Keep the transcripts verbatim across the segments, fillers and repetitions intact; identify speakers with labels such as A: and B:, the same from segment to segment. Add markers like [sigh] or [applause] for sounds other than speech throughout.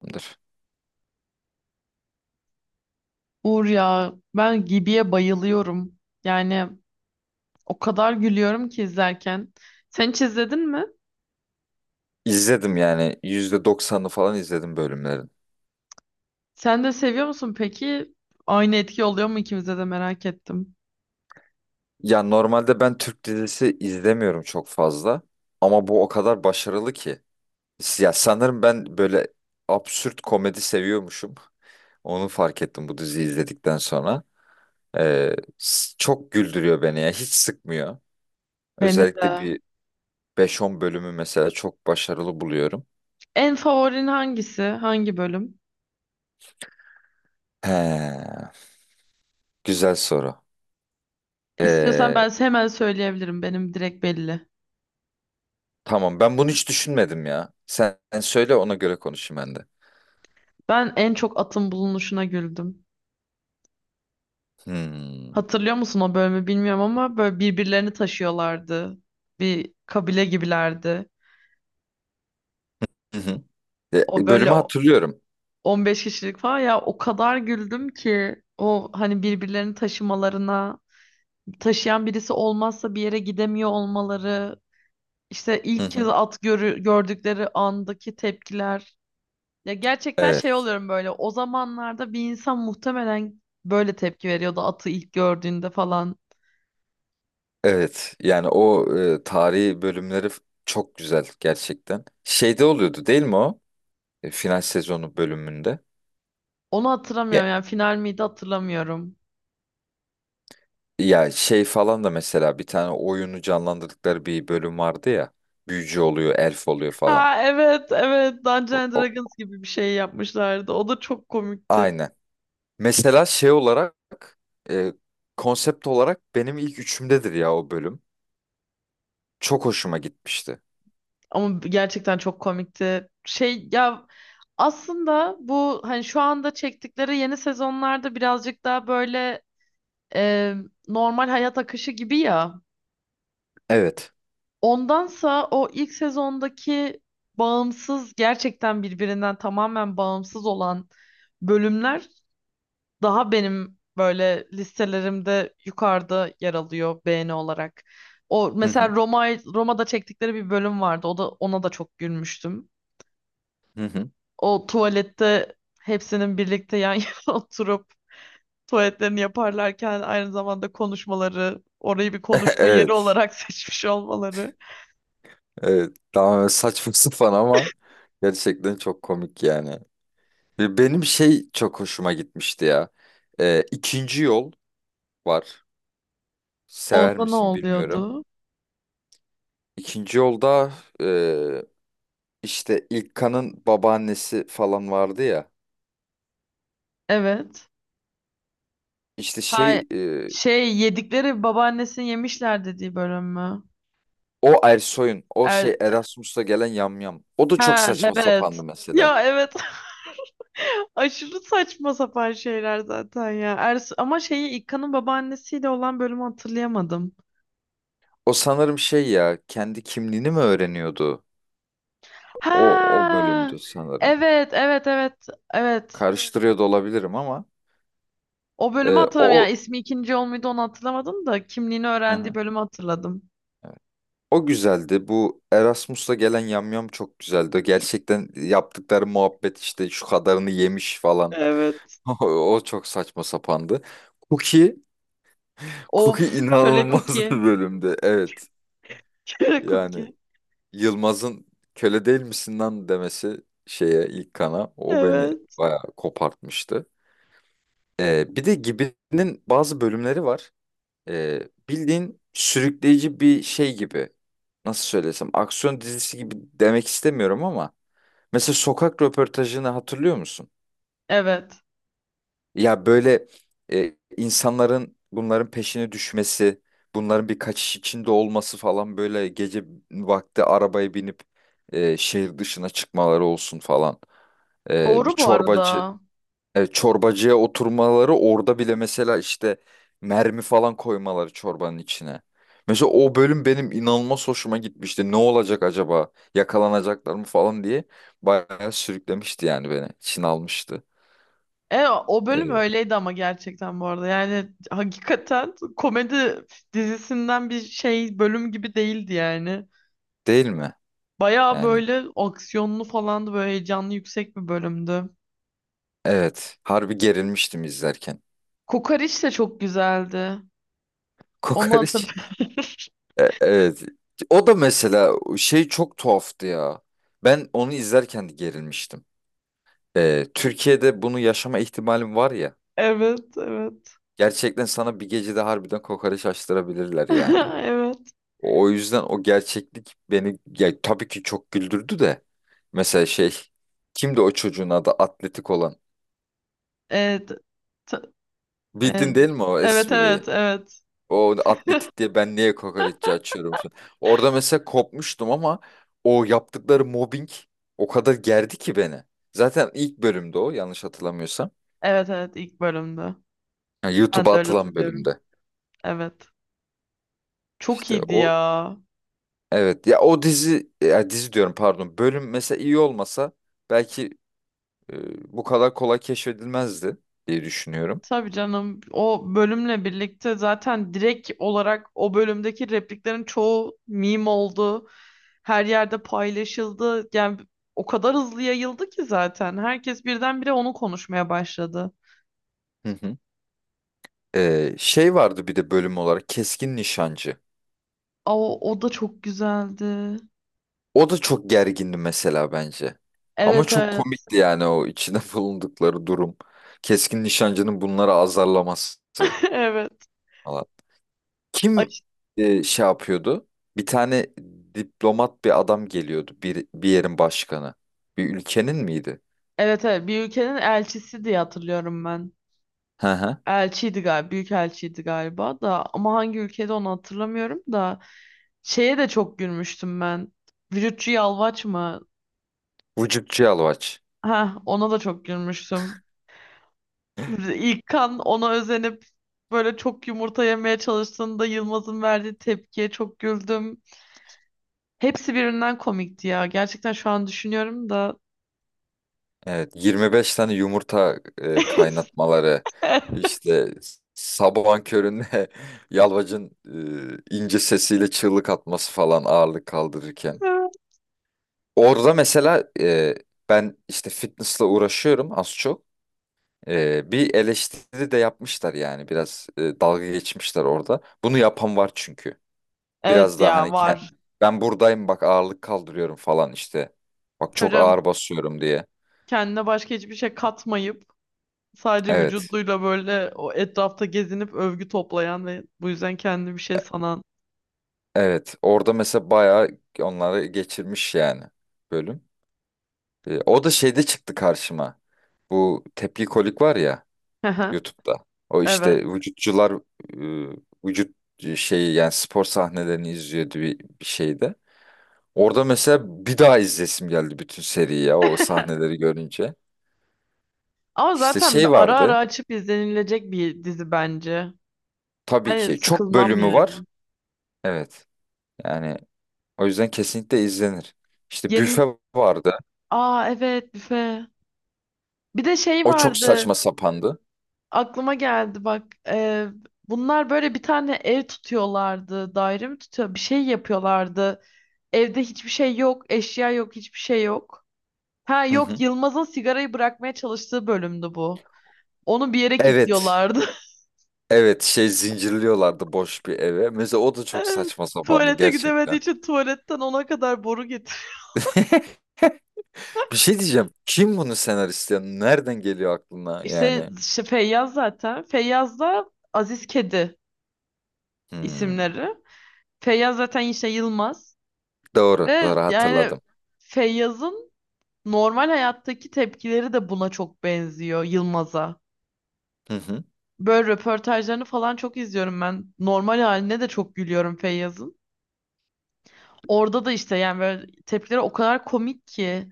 A: Dur.
B: Uğur ya ben Gibi'ye bayılıyorum. Yani o kadar gülüyorum ki izlerken. Sen hiç izledin mi?
A: İzledim yani yüzde doksanını falan izledim bölümlerin.
B: Sen de seviyor musun peki? Aynı etki oluyor mu ikimize de merak ettim.
A: Ya normalde ben Türk dizisi izlemiyorum çok fazla ama bu o kadar başarılı ki. Ya sanırım ben böyle absürt komedi seviyormuşum. Onu fark ettim bu diziyi izledikten sonra. Ee, s- çok güldürüyor beni ya hiç sıkmıyor.
B: Beni
A: Özellikle
B: de.
A: bir beş on bölümü mesela çok başarılı buluyorum.
B: En favorin hangisi? Hangi bölüm?
A: He, güzel soru.
B: İstiyorsan
A: Ee,
B: ben hemen söyleyebilirim. Benim direkt belli.
A: tamam ben bunu hiç düşünmedim ya. Sen sen söyle ona göre konuşayım ben de.
B: Ben en çok atın bulunuşuna güldüm.
A: Hmm.
B: Hatırlıyor musun o bölümü bilmiyorum ama böyle birbirlerini taşıyorlardı. Bir kabile gibilerdi.
A: Hı hı.
B: O
A: E,
B: böyle
A: Bölümü hatırlıyorum.
B: on beş kişilik falan ya o kadar güldüm ki o hani birbirlerini taşımalarına taşıyan birisi olmazsa bir yere gidemiyor olmaları işte
A: Hı
B: ilk kez
A: hı.
B: at görü gördükleri andaki tepkiler ya gerçekten şey
A: Evet,
B: oluyorum böyle o zamanlarda bir insan muhtemelen böyle tepki veriyordu atı ilk gördüğünde falan
A: evet. Yani o e, tarihi bölümleri f- çok güzel gerçekten. Şeyde oluyordu değil mi o? E, final sezonu bölümünde.
B: onu
A: Ya,
B: hatırlamıyorum yani final miydi hatırlamıyorum.
A: ya şey falan da mesela bir tane oyunu canlandırdıkları bir bölüm vardı ya. Büyücü oluyor, elf oluyor falan.
B: Ha evet evet, Dungeons
A: O,
B: and
A: o-
B: Dragons gibi bir şey yapmışlardı, o da çok komikti.
A: Aynen. Mesela şey olarak, e, konsept olarak benim ilk üçümdedir ya o bölüm. Çok hoşuma gitmişti.
B: Ama gerçekten çok komikti. Şey ya, aslında bu hani şu anda çektikleri yeni sezonlarda birazcık daha böyle e, normal hayat akışı gibi ya.
A: Evet.
B: Ondansa o ilk sezondaki bağımsız, gerçekten birbirinden tamamen bağımsız olan bölümler daha benim böyle listelerimde yukarıda yer alıyor beğeni olarak. O
A: Hı
B: mesela
A: hı.
B: Roma Roma'da çektikleri bir bölüm vardı. O da, ona da çok gülmüştüm.
A: Hı hı.
B: O tuvalette hepsinin birlikte yan yana [laughs] oturup tuvaletlerini yaparlarken aynı zamanda konuşmaları, orayı bir
A: [laughs]
B: konuşma yeri
A: Evet.
B: olarak [laughs] seçmiş olmaları.
A: Evet, daha saçma [laughs] sapan ama gerçekten çok komik yani. Ve benim şey çok hoşuma gitmişti ya. Ee, ikinci yol var. Sever
B: Onda ne
A: misin bilmiyorum.
B: oluyordu?
A: İkinci yolda e, işte İlkan'ın babaannesi falan vardı ya.
B: Evet.
A: İşte
B: Hay
A: şey e,
B: şey, yedikleri babaannesini yemişler dediği bölüm mü?
A: O Ersoy'un o
B: Er
A: şey Erasmus'ta gelen yamyam. O da çok
B: ha
A: saçma sapandı
B: evet.
A: mesela.
B: Ya evet. [laughs] Aşırı saçma sapan şeyler zaten ya. Ers ama şeyi İkka'nın babaannesiyle olan bölümü hatırlayamadım.
A: O sanırım şey ya kendi kimliğini mi öğreniyordu? O o
B: Ha,
A: bölümdü sanırım.
B: evet, evet, evet, evet.
A: Karıştırıyor da olabilirim ama.
B: O bölümü
A: Ee,
B: hatırlamıyorum.
A: o
B: Yani ismi ikinci yol muydu onu hatırlamadım da kimliğini
A: Hı
B: öğrendiği
A: hı.
B: bölümü hatırladım.
A: Evet. O güzeldi. Bu Erasmus'la gelen yamyam çok güzeldi. Gerçekten yaptıkları muhabbet işte şu kadarını yemiş falan.
B: Evet.
A: [laughs] O, o çok saçma sapandı. Cookie, Cookie
B: Of, köle
A: inanılmaz
B: cookie.
A: bir bölümdü. Evet.
B: [laughs] Köle
A: Yani
B: Cookie.
A: Yılmaz'ın köle değil misin lan demesi şeye ilk kana o beni
B: Evet.
A: bayağı kopartmıştı. Ee, bir de Gibi'nin bazı bölümleri var. Ee, bildiğin sürükleyici bir şey gibi. Nasıl söylesem aksiyon dizisi gibi demek istemiyorum ama mesela sokak röportajını hatırlıyor musun?
B: Evet.
A: Ya böyle e, insanların bunların peşine düşmesi, bunların bir kaçış içinde olması falan böyle gece vakti arabaya binip e, şehir dışına çıkmaları olsun falan. E, bir
B: Doğru bu
A: çorbacı
B: arada.
A: e, Çorbacıya oturmaları orada bile mesela işte mermi falan koymaları çorbanın içine. Mesela o bölüm benim inanılmaz hoşuma gitmişti. Ne olacak acaba? Yakalanacaklar mı falan diye bayağı sürüklemişti yani beni. Çin almıştı.
B: E, o bölüm
A: E,
B: öyleydi ama gerçekten, bu arada. Yani hakikaten komedi dizisinden bir şey bölüm gibi değildi yani.
A: Değil mi?
B: Bayağı
A: Yani
B: böyle aksiyonlu falandı, böyle heyecanlı, yüksek bir bölümdü.
A: evet. Harbi gerilmiştim izlerken.
B: Kokoreç de çok güzeldi.
A: [laughs]
B: Onu
A: Kokoreç.
B: hatırlar. [laughs]
A: E, evet. O da mesela şey çok tuhaftı ya. Ben onu izlerken de gerilmiştim. E, Türkiye'de bunu yaşama ihtimalim var ya.
B: Evet, evet.
A: Gerçekten sana bir gecede harbiden kokoreç açtırabilirler yani.
B: [laughs] Evet.
A: O o yüzden o gerçeklik beni ya, tabii ki çok güldürdü de. Mesela şey kimdi o çocuğun adı atletik olan?
B: Evet. T-
A: Bildin değil mi o
B: Evet, evet,
A: espriyi?
B: evet. Evet,
A: O atletik diye ben niye kokoreççi açıyorum şu an? Orada mesela kopmuştum ama o yaptıkları mobbing o kadar gerdi ki beni. Zaten ilk bölümde o yanlış hatırlamıyorsam.
B: evet, evet, ilk bölümde.
A: Yani
B: Ben
A: YouTube'a
B: de öyle
A: atılan
B: hatırlıyorum.
A: bölümde.
B: Evet. Çok
A: İşte
B: iyiydi
A: o
B: ya.
A: evet ya o dizi ya dizi diyorum pardon bölüm mesela iyi olmasa belki e, bu kadar kolay keşfedilmezdi diye düşünüyorum.
B: Tabii canım. O bölümle birlikte zaten direkt olarak o bölümdeki repliklerin çoğu meme oldu. Her yerde paylaşıldı. Yani o kadar hızlı yayıldı ki zaten. Herkes birdenbire onu konuşmaya başladı.
A: Hı hı. Ee, şey vardı bir de bölüm olarak Keskin Nişancı.
B: Aa, o da çok güzeldi.
A: O da çok gergindi mesela bence. Ama
B: Evet
A: çok
B: evet.
A: komikti yani o içine [laughs] bulundukları durum. Keskin Nişancı'nın bunları azarlaması
B: [laughs] Evet.
A: falan.
B: Ay,
A: Kim e, şey yapıyordu? Bir tane diplomat bir adam geliyordu. Bir, bir yerin başkanı. Bir ülkenin miydi?
B: evet evet, bir ülkenin elçisi diye hatırlıyorum ben.
A: Hı hı.
B: Elçiydi galiba, büyük elçiydi galiba da ama hangi ülkede onu hatırlamıyorum da şeye de çok gülmüştüm ben. Vücutçu Yalvaç mı?
A: Vücutçu Yalvaç.
B: Ha, ona da çok gülmüştüm. İlkan ona özenip böyle çok yumurta yemeye çalıştığında Yılmaz'ın verdiği tepkiye çok güldüm. Hepsi birbirinden komikti ya. Gerçekten şu an düşünüyorum da.
A: Evet. yirmi beş tane yumurta e,
B: [laughs]
A: kaynatmaları. İşte sabahın köründe [laughs] Yalvaç'ın e, ince sesiyle çığlık atması falan ağırlık kaldırırken. Orada mesela e, ben işte fitness'la uğraşıyorum az çok. Ee, bir eleştiri de yapmışlar yani biraz e, dalga geçmişler orada. Bunu yapan var çünkü.
B: Evet
A: Biraz daha hani
B: ya,
A: ke-
B: var.
A: Ben buradayım bak ağırlık kaldırıyorum falan işte. Bak
B: Tabii
A: çok
B: canım,
A: ağır basıyorum diye.
B: kendine başka hiçbir şey katmayıp sadece
A: Evet.
B: vücuduyla böyle o etrafta gezinip övgü toplayan ve bu yüzden kendini bir şey sanan.
A: Evet. Orada mesela bayağı onları geçirmiş yani bölüm. Ee, o da şeyde çıktı karşıma. Bu tepki kolik var ya
B: [laughs] Hı hı,
A: YouTube'da. O
B: evet.
A: işte vücutçular e, vücut şeyi yani spor sahnelerini izliyordu bir, bir şeyde. Orada mesela bir daha izlesim geldi bütün seriyi ya o
B: [laughs]
A: sahneleri görünce.
B: Ama
A: İşte
B: zaten
A: şey
B: ara ara
A: vardı.
B: açıp izlenilecek bir dizi bence.
A: Tabii
B: Hani
A: ki çok
B: sıkılmam
A: bölümü var.
B: yani.
A: Evet. Yani o yüzden kesinlikle izlenir. İşte
B: Yeni...
A: büfe vardı.
B: Aa evet, büfe. Bir de şey
A: O çok
B: vardı.
A: saçma sapandı.
B: Aklıma geldi bak. Ee, bunlar böyle bir tane ev tutuyorlardı. Daire mi tutuyor? Bir şey yapıyorlardı. Evde hiçbir şey yok. Eşya yok. Hiçbir şey yok. Ha
A: Hı
B: yok,
A: hı.
B: Yılmaz'ın sigarayı bırakmaya çalıştığı bölümdü bu. Onu bir yere
A: Evet.
B: kilitliyorlardı.
A: Evet, şey zincirliyorlardı boş bir eve. Mesela o da çok
B: [laughs]
A: saçma sapandı
B: Tuvalete gidemediği
A: gerçekten.
B: için tuvaletten ona kadar boru getir.
A: Bir şey diyeceğim. Kim bunu senarist ya? Nereden geliyor aklına
B: İşte,
A: yani?
B: işte Feyyaz zaten. Feyyaz da Aziz Kedi
A: Hmm.
B: isimleri. Feyyaz zaten işte Yılmaz.
A: Doğru.
B: Ve
A: Doğru
B: yani
A: hatırladım.
B: Feyyaz'ın normal hayattaki tepkileri de buna çok benziyor, Yılmaz'a.
A: Hı hı.
B: Böyle röportajlarını falan çok izliyorum ben. Normal haline de çok gülüyorum Feyyaz'ın. Orada da işte yani böyle tepkileri o kadar komik ki.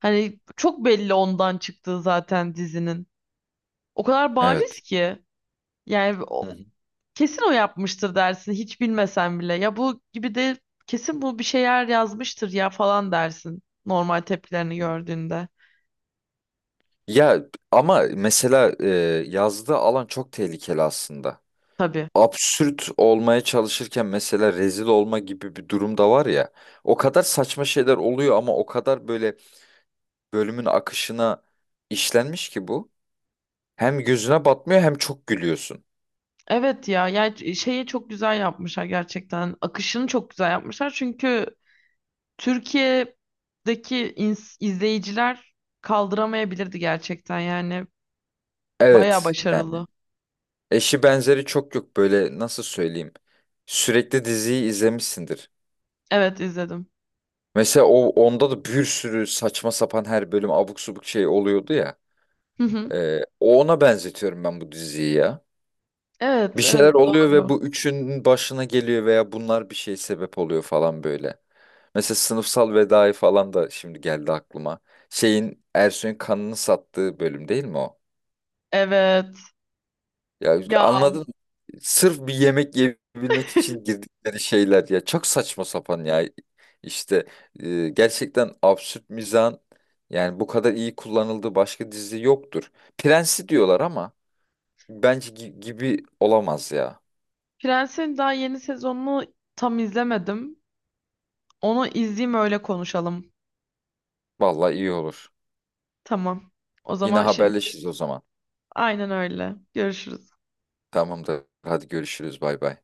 B: Hani çok belli ondan çıktığı zaten dizinin. O kadar bariz
A: Evet.
B: ki. Yani o,
A: Hı
B: kesin o yapmıştır dersin hiç bilmesen bile. Ya bu gibi de kesin bu bir şeyler yazmıştır ya falan dersin. Normal tepkilerini
A: hı.
B: gördüğünde.
A: Ya ama mesela e, yazdığı alan çok tehlikeli aslında.
B: Tabii.
A: Absürt olmaya çalışırken mesela rezil olma gibi bir durum da var ya. O kadar saçma şeyler oluyor ama o kadar böyle bölümün akışına işlenmiş ki bu. Hem gözüne batmıyor hem çok gülüyorsun.
B: Evet ya, ya şeye çok güzel yapmışlar gerçekten. Akışını çok güzel yapmışlar. Çünkü Türkiye'deki ins- izleyiciler kaldıramayabilirdi gerçekten yani. Bayağı
A: Evet yani
B: başarılı.
A: eşi benzeri çok yok böyle nasıl söyleyeyim. Sürekli diziyi izlemişsindir.
B: Evet izledim.
A: Mesela o onda da bir sürü saçma sapan her bölüm abuk subuk şey oluyordu ya.
B: Hı hı.
A: Ee, o ona benzetiyorum ben bu diziyi ya. Bir
B: Evet, evet
A: şeyler oluyor ve
B: doğru.
A: bu üçünün başına geliyor veya bunlar bir şey sebep oluyor falan böyle. Mesela sınıfsal vedayı falan da şimdi geldi aklıma. Şeyin Ersoy'un kanını sattığı bölüm değil mi o?
B: Evet.
A: Ya
B: Ya
A: anladın mı? Sırf bir yemek yiyebilmek için
B: [laughs]
A: girdikleri şeyler ya çok saçma sapan ya. İşte e, Gerçekten absürt mizahın yani bu kadar iyi kullanıldığı başka dizi yoktur. Prensi diyorlar ama bence gi- gibi olamaz ya.
B: Prens'in daha yeni sezonunu tam izlemedim. Onu izleyeyim öyle konuşalım.
A: Vallahi iyi olur.
B: Tamam. O
A: Yine
B: zaman şimdi
A: haberleşiriz o zaman.
B: aynen öyle. Görüşürüz.
A: Tamamdır. Hadi görüşürüz. Bay bay.